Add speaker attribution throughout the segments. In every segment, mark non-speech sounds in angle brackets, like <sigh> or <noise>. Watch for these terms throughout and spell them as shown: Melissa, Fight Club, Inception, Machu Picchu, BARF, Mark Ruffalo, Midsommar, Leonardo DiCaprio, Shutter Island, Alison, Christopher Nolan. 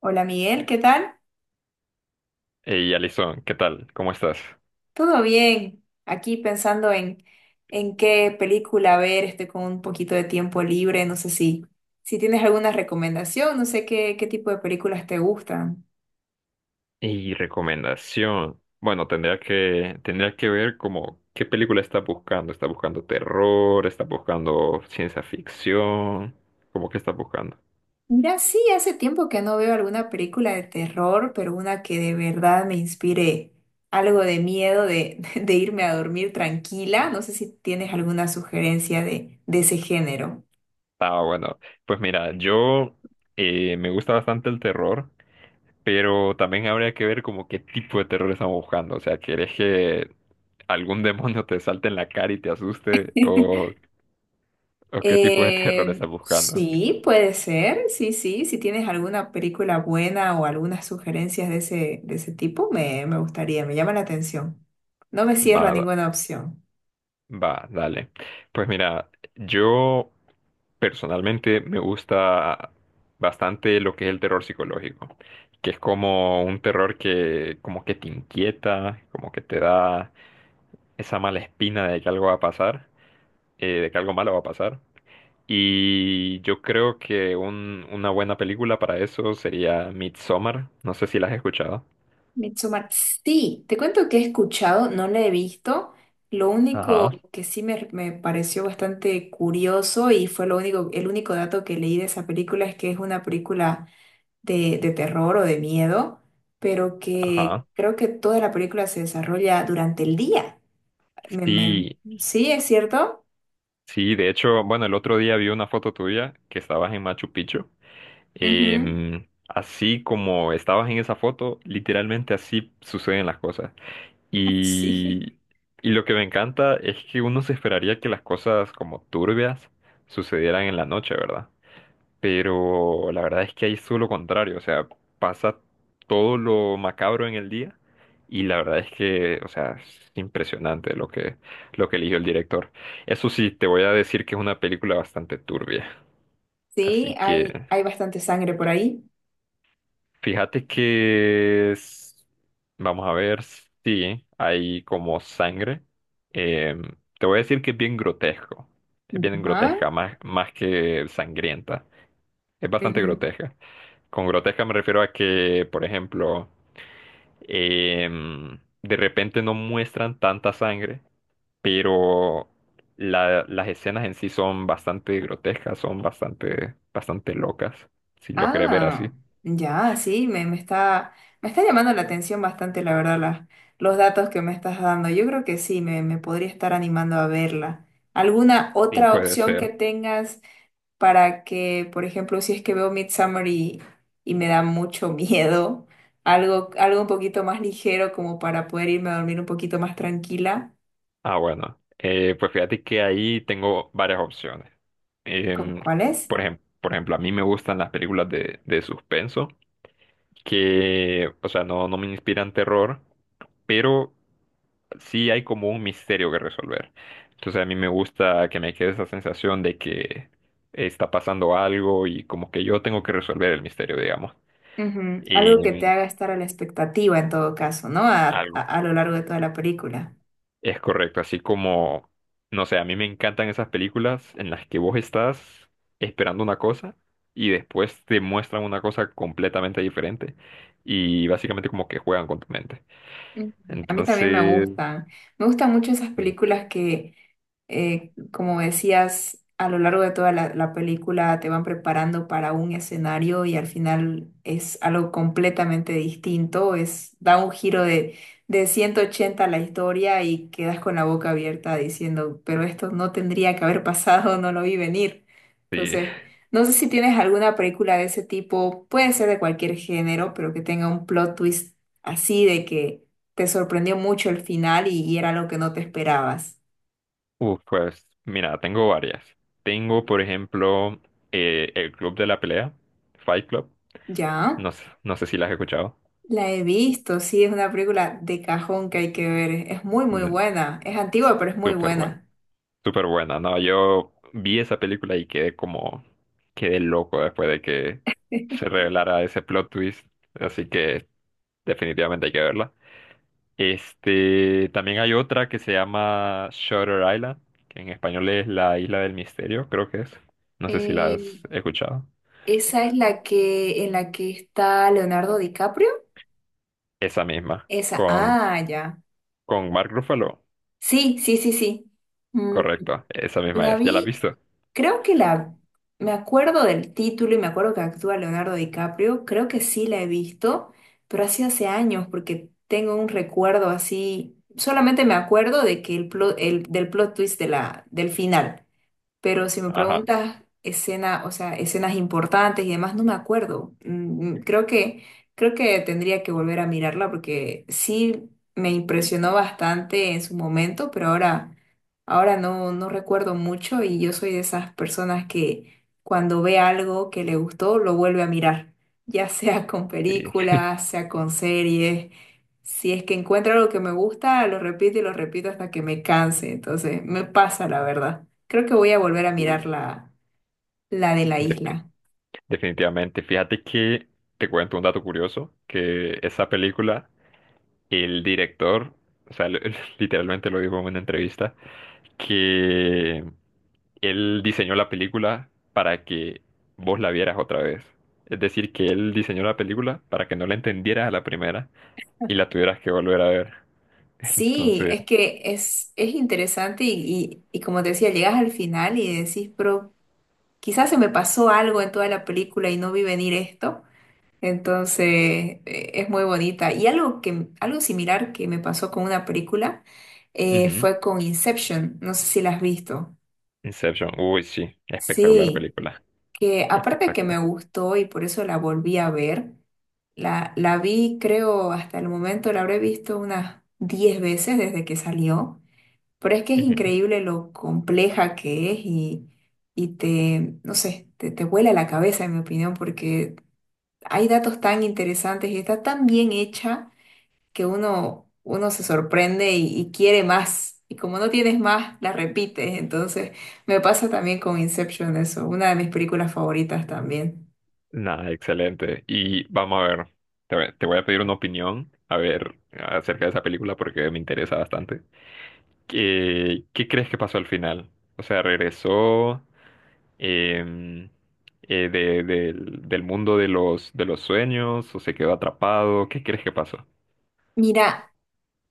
Speaker 1: Hola Miguel, ¿qué tal?
Speaker 2: Hey, Alison, ¿qué tal? ¿Cómo estás?
Speaker 1: ¿Todo bien? Aquí pensando en qué película ver. Estoy con un poquito de tiempo libre, no sé si tienes alguna recomendación, no sé qué tipo de películas te gustan.
Speaker 2: Y recomendación. Bueno, tendría que ver como qué película estás buscando. ¿Estás buscando terror? ¿Estás buscando ciencia ficción? ¿Cómo que estás buscando?
Speaker 1: Mira, sí, hace tiempo que no veo alguna película de terror, pero una que de verdad me inspire algo de miedo <laughs> de irme a dormir tranquila. No sé si tienes alguna sugerencia de ese género.
Speaker 2: Ah, bueno, pues mira, yo me gusta bastante el terror, pero también habría que ver como qué tipo de terror estamos buscando. O sea, ¿querés que algún demonio te salte en la cara y te asuste? O qué tipo de <laughs> terror estás buscando?
Speaker 1: Sí, puede ser, sí, sí. Si tienes alguna película buena o algunas sugerencias de ese tipo, me gustaría, me llama la atención. No me cierro a
Speaker 2: Va,
Speaker 1: ninguna opción.
Speaker 2: va, dale. Pues mira, yo personalmente me gusta bastante lo que es el terror psicológico, que es como un terror que como que te inquieta, como que te da esa mala espina de que algo va a pasar, de que algo malo va a pasar. Y yo creo que una buena película para eso sería Midsommar. No sé si la has escuchado.
Speaker 1: Midsommar, sí, te cuento que he escuchado, no la he visto. Lo único
Speaker 2: Ajá,
Speaker 1: que sí me pareció bastante curioso y fue lo único, el único dato que leí de esa película es que es una película de terror o de miedo, pero que
Speaker 2: ajá.
Speaker 1: creo que toda la película se desarrolla durante el día. Me, me-
Speaker 2: Sí,
Speaker 1: Sí, es cierto.
Speaker 2: sí, de hecho, bueno, el otro día vi una foto tuya que estabas en Machu Picchu.
Speaker 1: Ujú.
Speaker 2: Así como estabas en esa foto, literalmente así suceden las cosas.
Speaker 1: <laughs> Sí.
Speaker 2: Y, y lo que me encanta es que uno se esperaría que las cosas como turbias sucedieran en la noche, ¿verdad? Pero la verdad es que ahí es todo lo contrario, o sea, pasa todo lo macabro en el día y la verdad es que, o sea, es impresionante lo que eligió el director. Eso sí, te voy a decir que es una película bastante turbia,
Speaker 1: Sí,
Speaker 2: así que...
Speaker 1: hay bastante sangre por ahí.
Speaker 2: Fíjate que es- Vamos a ver, sí hay como sangre. Em, Te voy a decir que es bien grotesco. Es bien
Speaker 1: Ajá.
Speaker 2: grotesca, más, más que sangrienta. Es bastante
Speaker 1: Ujú.
Speaker 2: grotesca. Con grotesca me refiero a que, por ejemplo, de repente no muestran tanta sangre, pero las escenas en sí son bastante grotescas, son bastante, bastante locas. Si lo querés ver así,
Speaker 1: Ah, ya, sí, me está llamando la atención bastante, la verdad, los datos que me estás dando. Yo creo que sí, me podría estar animando a verla. ¿Alguna
Speaker 2: sí
Speaker 1: otra
Speaker 2: puede
Speaker 1: opción que
Speaker 2: ser.
Speaker 1: tengas? Para que, por ejemplo, si es que veo Midsommar y me da mucho <laughs> miedo, algo un poquito más ligero como para poder irme a dormir un poquito más tranquila.
Speaker 2: Ah, bueno. Pues fíjate que ahí tengo varias opciones. Em,
Speaker 1: Cuál es?
Speaker 2: por ejemplo, a mí me gustan las películas de suspenso, que, o sea, no me inspiran terror, pero sí hay como un misterio que resolver. Entonces a mí me gusta que me quede esa sensación de que está pasando algo y como que yo tengo que resolver el misterio, digamos.
Speaker 1: Ujú. Algo que te
Speaker 2: Y
Speaker 1: haga estar a la expectativa en todo caso, ¿no? A lo largo de toda la película.
Speaker 2: es correcto, así como, no sé, a mí me encantan esas películas en las que vos estás esperando una cosa y después te muestran una cosa completamente diferente y básicamente como que juegan con tu mente.
Speaker 1: Mm. A mí también me
Speaker 2: Entonces,
Speaker 1: gustan. Me gustan mucho esas
Speaker 2: sí,
Speaker 1: películas que, como decías, a lo largo de toda la película te van preparando para un escenario y al final es algo completamente distinto. Es, da un giro de 180 a la historia y quedas con la boca abierta diciendo, pero esto no tendría que haber pasado, no lo vi venir.
Speaker 2: sí.
Speaker 1: Entonces, no sé si tienes alguna película de ese tipo, puede ser de cualquier género, pero que tenga un plot twist así de que te sorprendió mucho el final y era lo que no te esperabas.
Speaker 2: Uf, pues mira, tengo varias. Tengo, por ejemplo, El Club de la Pelea, Fight Club,
Speaker 1: ¿Ya?
Speaker 2: no, no sé si la has escuchado.
Speaker 1: La he visto, sí, es una película de cajón que hay que ver. Es muy, muy
Speaker 2: De-
Speaker 1: buena. Es antigua, pero es muy
Speaker 2: Súper bueno.
Speaker 1: buena.
Speaker 2: Súper buena, no, yo vi esa película y quedé loco después de que se
Speaker 1: <laughs>
Speaker 2: revelara ese plot twist, así que definitivamente hay que verla. Este, también hay otra que se llama Shutter Island, que en español es la Isla del Misterio, creo que es. No sé si la
Speaker 1: Eh,
Speaker 2: has escuchado.
Speaker 1: Esa es la que en la que está Leonardo DiCaprio.
Speaker 2: Esa misma,
Speaker 1: Esa, ah, ya.
Speaker 2: con Mark Ruffalo,
Speaker 1: Sí, sí, sí, sí.
Speaker 2: correcto, esa misma
Speaker 1: La
Speaker 2: es. ¿Ya la has
Speaker 1: vi,
Speaker 2: visto?
Speaker 1: creo que me acuerdo del título y me acuerdo que actúa Leonardo DiCaprio, creo que sí la he visto, pero así hace años porque tengo un recuerdo así, solamente me acuerdo de que el del plot twist de del final. Pero si me
Speaker 2: Ajá,
Speaker 1: preguntas escena, o sea, escenas importantes y demás, no me acuerdo. Creo que tendría que volver a mirarla porque sí me impresionó bastante en su momento, pero ahora no, no recuerdo mucho, y yo soy de esas personas que cuando ve algo que le gustó, lo vuelve a mirar, <laughs> ya sea con
Speaker 2: sí.
Speaker 1: películas, sea con series. Si es que encuentro algo que me gusta, lo repito y lo repito hasta que me canse. Entonces, me pasa la verdad. Creo que voy a volver a mirar
Speaker 2: Sí.
Speaker 1: la de la isla.
Speaker 2: Definitivamente. Fíjate que te cuento un dato curioso, que esa película, el director, o sea, <laughs> literalmente lo dijo en una entrevista, que él diseñó la película para que vos la vieras otra vez. Es decir, que él diseñó la película para que no la entendieras a la primera y la tuvieras que volver a ver. <laughs>
Speaker 1: Sí,
Speaker 2: Entonces,
Speaker 1: es que es interesante y como te decía, llegas al final y decís, pero quizás se me pasó algo en toda la película y no vi venir esto. Entonces, es muy bonita. Y algo algo similar que me pasó con una película
Speaker 2: ujú.
Speaker 1: fue con Inception. No sé si la has visto.
Speaker 2: Inception, uy, sí, espectacular
Speaker 1: Sí.
Speaker 2: película,
Speaker 1: Que aparte que me
Speaker 2: espectacular.
Speaker 1: gustó y por eso la volví a ver, la vi, creo, hasta el momento la habré visto unas 10 veces desde que salió, pero es que es increíble lo compleja que es no sé, te vuela la cabeza, en mi opinión, porque hay datos tan interesantes y está tan bien hecha que uno se sorprende y quiere más. Y como no tienes más, la repites. Entonces, me pasa también con Inception eso, una de mis películas favoritas también.
Speaker 2: Nada, excelente. Y vamos a ver, te voy a pedir una opinión, a ver, acerca de esa película porque me interesa bastante. ¿Qué crees que pasó al final? O sea, regresó em, del, del mundo de los sueños o se quedó atrapado. ¿Qué crees que pasó?
Speaker 1: Mira,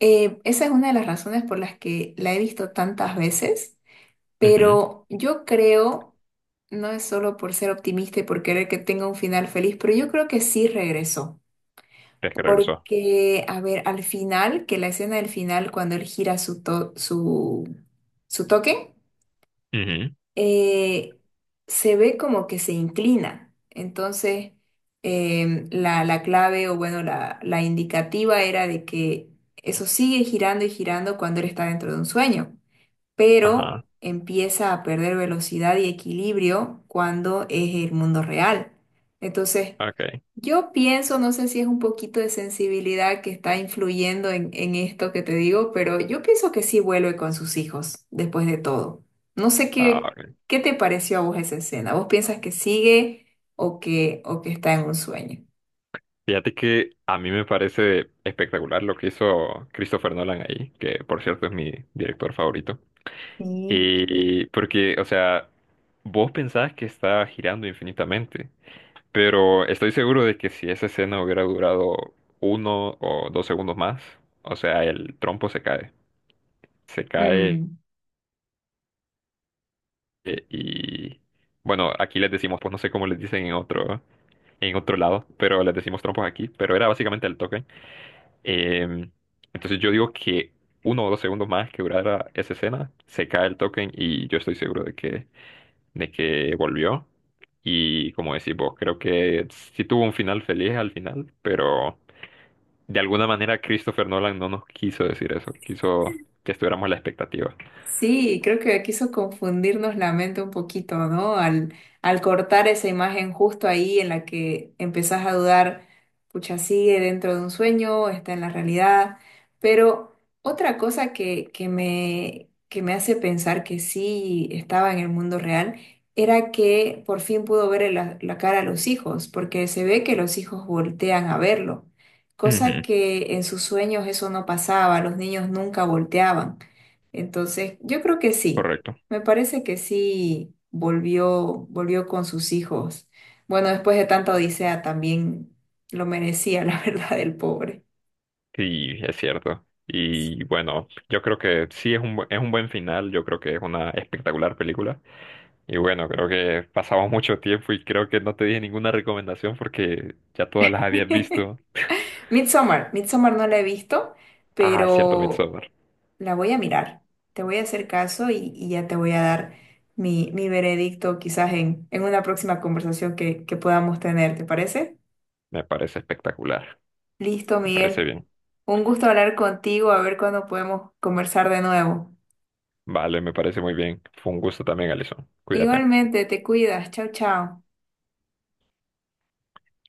Speaker 1: esa es una de las razones por las que la he visto tantas veces,
Speaker 2: Ujú.
Speaker 1: pero yo creo, no es solo por ser optimista y por querer que tenga un final feliz, pero yo creo que sí regresó.
Speaker 2: ¿Crees que regresó?
Speaker 1: Porque, a ver, al final, que la escena del final, cuando él gira su toque,
Speaker 2: Ujú.
Speaker 1: eh, se ve como que se inclina. Entonces, la clave o bueno, la indicativa era de que eso sigue girando y girando cuando él está dentro de un sueño, pero
Speaker 2: Ajá.
Speaker 1: empieza a perder velocidad y equilibrio cuando es el mundo real. Entonces,
Speaker 2: Okay.
Speaker 1: yo pienso, no sé si es un poquito de sensibilidad que está influyendo en esto que te digo, pero yo pienso que sí vuelve con sus hijos después de todo. No sé
Speaker 2: Ah, ok.
Speaker 1: qué te pareció a vos esa escena. ¿Vos piensas que sigue o o que está en un sueño?
Speaker 2: Fíjate que a mí me parece espectacular lo que hizo Christopher Nolan ahí, que por cierto es mi director favorito.
Speaker 1: Sí.
Speaker 2: Y porque, o sea, vos pensás que está girando infinitamente, pero estoy seguro de que si esa escena hubiera durado uno o dos segundos más, o sea, el trompo se cae
Speaker 1: Mm.
Speaker 2: y, bueno, aquí les decimos, pues no sé cómo les dicen en otro lado, pero les decimos trompos aquí, pero era básicamente el token. Em, entonces yo digo que uno o dos segundos más que durara esa escena, se cae el token y yo estoy seguro de que volvió. Y como decís vos, creo que sí tuvo un final feliz al final, pero de alguna manera Christopher Nolan no nos quiso decir eso, quiso que estuviéramos a la expectativa.
Speaker 1: Sí, creo que quiso confundirnos la mente un poquito, ¿no? Al cortar esa imagen justo ahí en la que empezás a dudar, pucha, sigue dentro de un sueño, está en la realidad. Pero otra cosa que me hace pensar que sí estaba en el mundo real era que por fin pudo ver la cara a los hijos, porque se ve que los hijos voltean a verlo, cosa
Speaker 2: Ujú,
Speaker 1: que en sus sueños eso no pasaba, los niños nunca volteaban. Entonces, yo creo que sí.
Speaker 2: correcto.
Speaker 1: Me parece que sí volvió, volvió con sus hijos. Bueno, después de tanta odisea también lo merecía, <laughs> la verdad, el pobre.
Speaker 2: Sí, es cierto. Y bueno, yo creo que sí es un, es un buen final, yo creo que es una espectacular película. Y bueno, creo que pasamos mucho tiempo y creo que no te dije ninguna recomendación porque ya todas las habías
Speaker 1: <laughs>
Speaker 2: visto.
Speaker 1: Midsommar, Midsommar no la he visto,
Speaker 2: Ah, es cierto,
Speaker 1: pero
Speaker 2: Midsommar.
Speaker 1: la voy a mirar. Te voy a hacer caso y ya te voy a dar mi veredicto quizás en una próxima conversación que podamos tener, ¿te parece?
Speaker 2: Me parece espectacular,
Speaker 1: Listo,
Speaker 2: me parece
Speaker 1: Miguel.
Speaker 2: bien.
Speaker 1: Un gusto hablar contigo, a ver cuándo podemos conversar de nuevo.
Speaker 2: Vale, me parece muy bien. Fue un gusto también, Alison. Cuídate.
Speaker 1: Igualmente, te cuidas. Chao, chao.